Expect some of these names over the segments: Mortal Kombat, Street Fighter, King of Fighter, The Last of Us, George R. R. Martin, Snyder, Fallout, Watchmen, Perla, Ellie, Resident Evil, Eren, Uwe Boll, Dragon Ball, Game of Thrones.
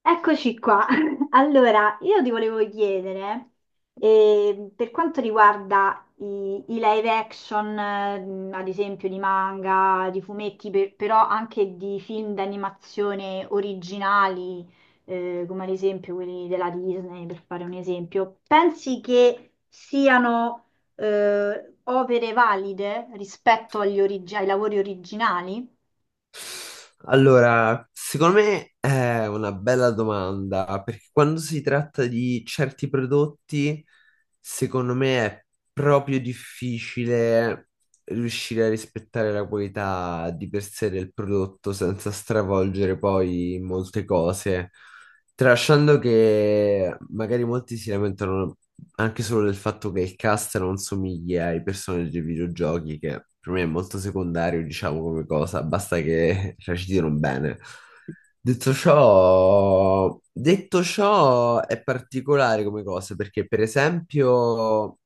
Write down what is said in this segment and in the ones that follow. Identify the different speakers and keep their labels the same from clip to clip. Speaker 1: Eccoci qua. Allora, io ti volevo chiedere, per quanto riguarda i live action, ad esempio di manga, di fumetti, però anche di film d'animazione originali, come ad esempio quelli della Disney, per fare un esempio, pensi che siano, opere valide rispetto ai lavori originali?
Speaker 2: Allora, secondo me è una bella domanda, perché quando si tratta di certi prodotti, secondo me è proprio difficile riuscire a rispettare la qualità di per sé del prodotto senza stravolgere poi molte cose. Tralasciando che magari molti si lamentano anche solo del fatto che il cast non somiglia ai personaggi dei videogiochi, che per me è molto secondario, diciamo, come cosa, basta che recitino bene. Detto ciò, è particolare come cosa, perché per esempio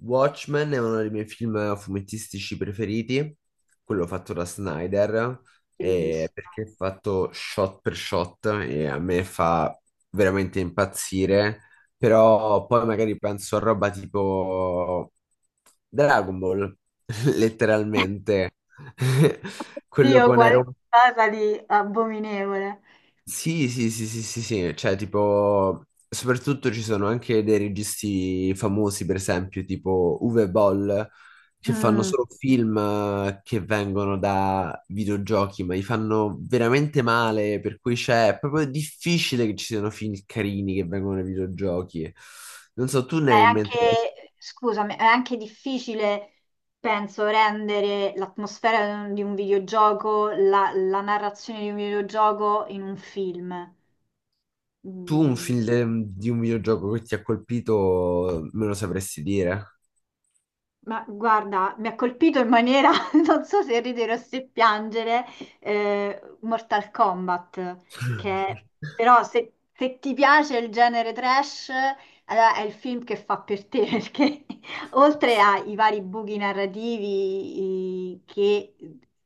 Speaker 2: Watchmen è uno dei miei film fumettistici preferiti, quello fatto da Snyder,
Speaker 1: Bellissimo.
Speaker 2: perché è fatto shot per shot e a me fa veramente impazzire, però poi magari penso a roba tipo Dragon Ball, letteralmente, quello
Speaker 1: Dio,
Speaker 2: con Eren.
Speaker 1: qualcosa di abominevole.
Speaker 2: Sì, sì, sì, sì, sì, sì, cioè tipo, soprattutto ci sono anche dei registi famosi, per esempio, tipo Uwe Boll, che fanno
Speaker 1: Mm.
Speaker 2: solo film che vengono da videogiochi, ma li fanno veramente male, per cui è proprio difficile che ci siano film carini che vengono dai videogiochi. Non so, tu ne
Speaker 1: È
Speaker 2: hai in mente,
Speaker 1: anche, scusami, è anche difficile, penso, rendere l'atmosfera di un videogioco, la narrazione di un videogioco in un film.
Speaker 2: tu un
Speaker 1: Mm,
Speaker 2: film di un videogioco che ti ha colpito, me lo sapresti dire?
Speaker 1: ma guarda, mi ha colpito in maniera, non so se ridere o se piangere, Mortal Kombat, che però se ti piace il genere trash, allora è il film che fa per te, perché oltre ai vari buchi narrativi che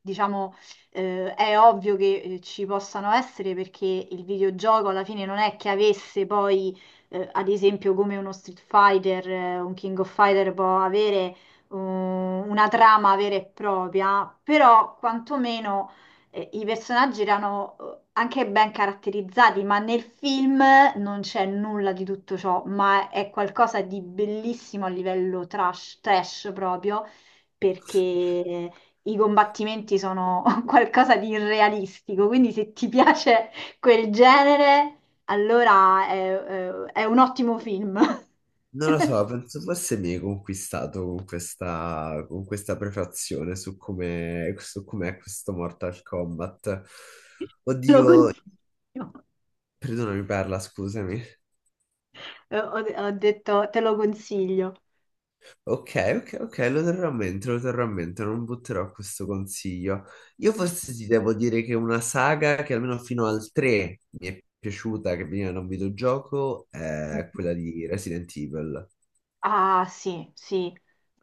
Speaker 1: diciamo è ovvio che ci possano essere, perché il videogioco alla fine non è che avesse poi ad esempio come uno Street Fighter, un King of Fighter può avere una trama vera e propria, però quantomeno i personaggi erano anche ben caratterizzati, ma nel film non c'è nulla di tutto ciò, ma è qualcosa di bellissimo a livello trash, trash proprio, perché i combattimenti sono qualcosa di irrealistico, quindi se ti piace quel genere, allora è un ottimo film.
Speaker 2: Non lo so, penso forse mi hai conquistato con questa prefazione su su com'è questo Mortal Kombat.
Speaker 1: Lo
Speaker 2: Oddio,
Speaker 1: consiglio.
Speaker 2: perdonami Perla, scusami.
Speaker 1: Eh, Ho, Ho detto, te lo consiglio.
Speaker 2: Ok, ok, ok, lo terrò a mente, lo terrò a mente, non butterò questo consiglio. Io forse ti devo dire che una saga che almeno fino al 3 mi è piaciuta, che veniva da un videogioco, è quella di Resident Evil,
Speaker 1: Ah, sì, sì,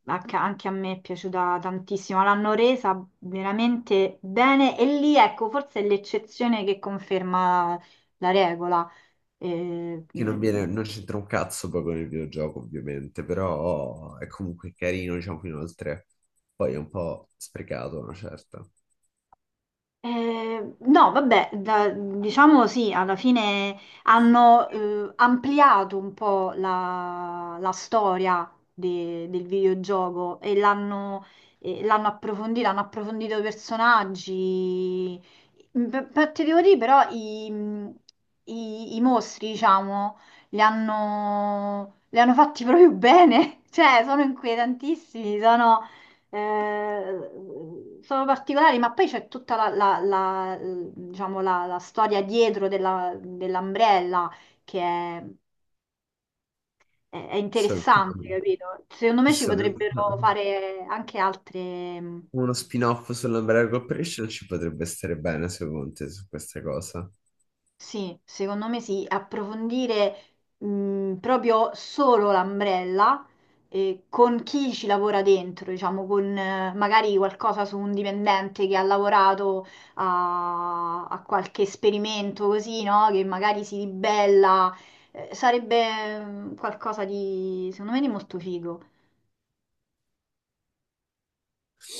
Speaker 1: anche a me è piaciuta tantissimo. L'hanno resa veramente bene e lì, ecco, forse è l'eccezione che conferma la regola. Eh,
Speaker 2: che non viene, non c'entra un cazzo poi con il videogioco, ovviamente, però è comunque carino, diciamo, fino al 3. Poi è un po' sprecato, una certa.
Speaker 1: No, vabbè, diciamo sì, alla fine hanno ampliato un po' la storia del videogioco e l'hanno approfondita, hanno approfondito i personaggi. Beh, beh, ti devo dire però i mostri, diciamo, li hanno fatti proprio bene, cioè sono inquietantissimi, sono particolari, ma poi c'è tutta diciamo, la storia dietro dell'Umbrella che è
Speaker 2: So
Speaker 1: interessante, capito? Secondo me
Speaker 2: che
Speaker 1: ci
Speaker 2: sono
Speaker 1: potrebbero fare anche altre.
Speaker 2: uno spin-off sull'Umbrella Corporation ci potrebbe stare bene, secondo te, su questa cosa.
Speaker 1: Sì, secondo me sì, approfondire proprio solo l'ombrella con chi ci lavora dentro, diciamo, con magari qualcosa su un dipendente che ha lavorato a qualche esperimento così, no? Che magari si ribella, sarebbe mm, qualcosa di, secondo me, di molto figo.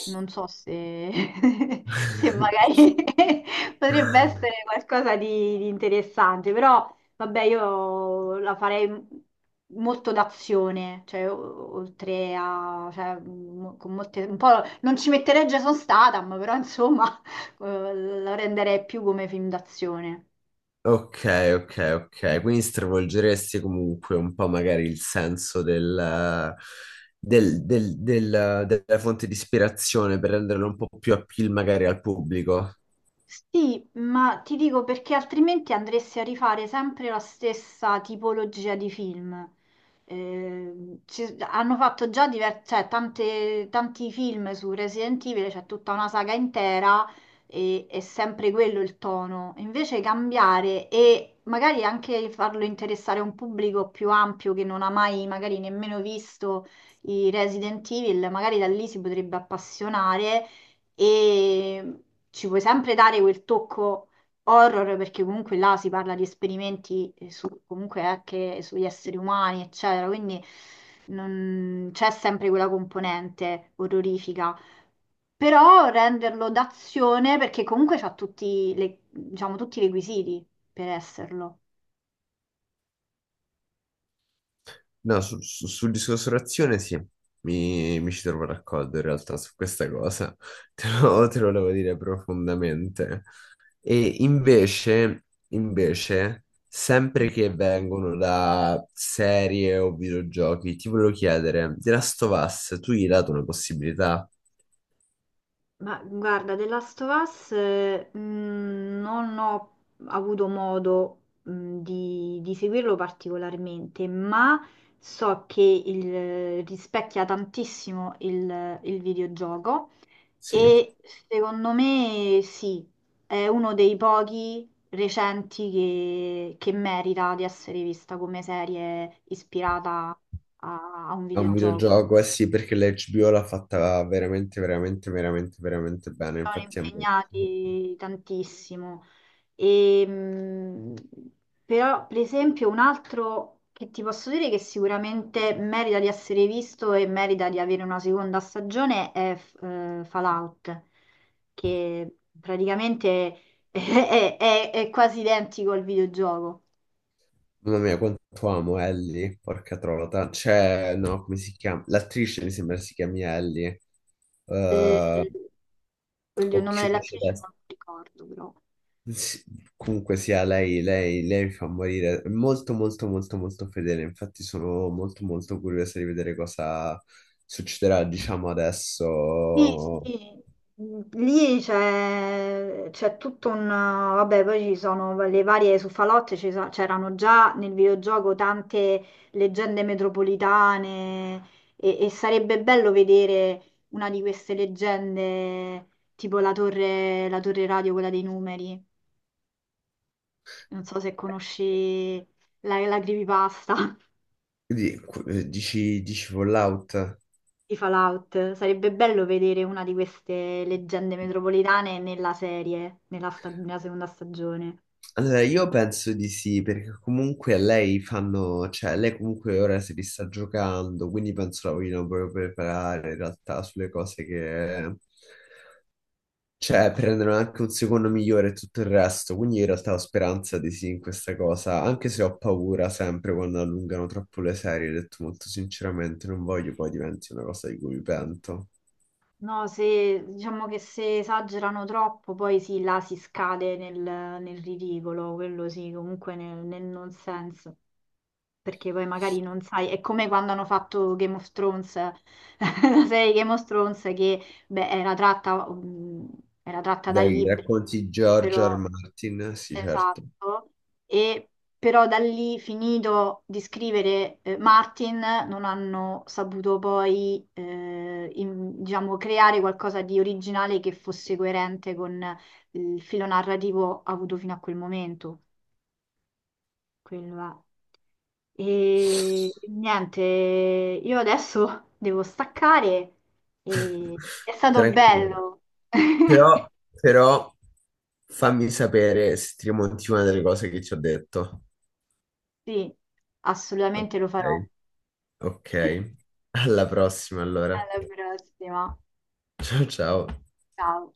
Speaker 1: Non so se, se magari potrebbe essere qualcosa di interessante, però vabbè, io la farei molto d'azione, cioè oltre a, cioè, con molte, un po', non ci metterei Jason Statham, però insomma eh, la renderei più come film d'azione.
Speaker 2: Ok, ok, ok. Quindi stravolgeresti comunque un po' magari il senso della fonte di ispirazione per renderlo un po' più appeal magari al pubblico.
Speaker 1: Sì, ma ti dico perché altrimenti andresti a rifare sempre la stessa tipologia di film. Hanno fatto già cioè, tanti film su Resident Evil, c'è tutta una saga intera e è sempre quello il tono. Invece cambiare e magari anche farlo interessare a un pubblico più ampio che non ha mai magari nemmeno visto i Resident Evil, magari da lì si potrebbe appassionare e ci puoi sempre dare quel tocco horror perché comunque là si parla di esperimenti comunque anche sugli esseri umani, eccetera, quindi c'è sempre quella componente orrorifica. Però renderlo d'azione perché comunque c'ha tutti, diciamo, tutti i requisiti per esserlo.
Speaker 2: No, sul discorso razione sì, mi ci trovo d'accordo in realtà su questa cosa. Te lo volevo dire profondamente. E invece, sempre che vengono da serie o videogiochi, ti volevo chiedere, The Last of Us, tu gli hai dato una possibilità?
Speaker 1: Ma guarda, The Last of Us non ho avuto modo di seguirlo particolarmente, ma so che rispecchia tantissimo il videogioco
Speaker 2: Sì.
Speaker 1: e secondo me sì, è uno dei pochi recenti che merita di essere vista come serie ispirata a un
Speaker 2: È un
Speaker 1: videogioco.
Speaker 2: videogioco, eh sì, perché l'HBO l'ha fatta veramente, veramente, veramente, veramente bene.
Speaker 1: Sono
Speaker 2: Infatti, a me...
Speaker 1: impegnati tantissimo. E, però, per esempio, un altro che ti posso dire che sicuramente merita di essere visto e merita di avere una seconda stagione è Fallout, che praticamente è quasi identico al videogioco.
Speaker 2: Mamma mia, quanto amo Ellie, porca trota. Cioè, no, come si chiama? L'attrice mi sembra si chiami Ellie.
Speaker 1: Eh,
Speaker 2: Eh,
Speaker 1: oddio, il nome
Speaker 2: occhioni
Speaker 1: dell'attrice non
Speaker 2: celesti.
Speaker 1: lo ricordo, però.
Speaker 2: Sì, comunque sia, lei mi fa morire. È molto molto molto molto fedele, infatti sono molto molto curiosa di vedere cosa succederà, diciamo
Speaker 1: Sì,
Speaker 2: adesso.
Speaker 1: sì, lì c'è tutto un... Vabbè, poi ci sono le varie su Falotte, c'erano già nel videogioco tante leggende metropolitane e sarebbe bello vedere una di queste leggende, tipo la torre radio, quella dei numeri. Non so se conosci la creepypasta
Speaker 2: Di- dici Fallout?
Speaker 1: di Fallout. Sarebbe bello vedere una di queste leggende metropolitane nella serie, nella seconda stagione.
Speaker 2: Allora, io penso di sì, perché comunque lei fanno, cioè lei comunque ora si li sta giocando, quindi penso la vogliono proprio preparare in realtà sulle cose che, cioè, prendono anche un secondo migliore e tutto il resto, quindi in realtà ho speranza di sì in questa cosa, anche se ho paura sempre quando allungano troppo le serie, ho detto molto sinceramente, non voglio poi diventi una cosa di cui mi pento.
Speaker 1: No, se diciamo che se esagerano troppo, poi sì, là si scade nel ridicolo, quello sì, comunque nel non senso. Perché poi magari non sai, è come quando hanno fatto Game of Thrones, la serie Game of Thrones che beh, era tratta da
Speaker 2: Dai,
Speaker 1: libri,
Speaker 2: racconti George R. R.
Speaker 1: però
Speaker 2: Martin? Sì, certo.
Speaker 1: esatto, e però da lì finito di scrivere Martin non hanno saputo poi diciamo, creare qualcosa di originale che fosse coerente con il filo narrativo avuto fino a quel momento. Quello è. E niente, io adesso devo staccare e è stato
Speaker 2: Tranquilla.
Speaker 1: bello.
Speaker 2: Però, però, fammi sapere se ti rimonti una delle cose che ti ho detto.
Speaker 1: Sì, assolutamente lo farò.
Speaker 2: Ok, ok. Alla prossima allora.
Speaker 1: Alla prossima.
Speaker 2: Ciao ciao.
Speaker 1: Ciao.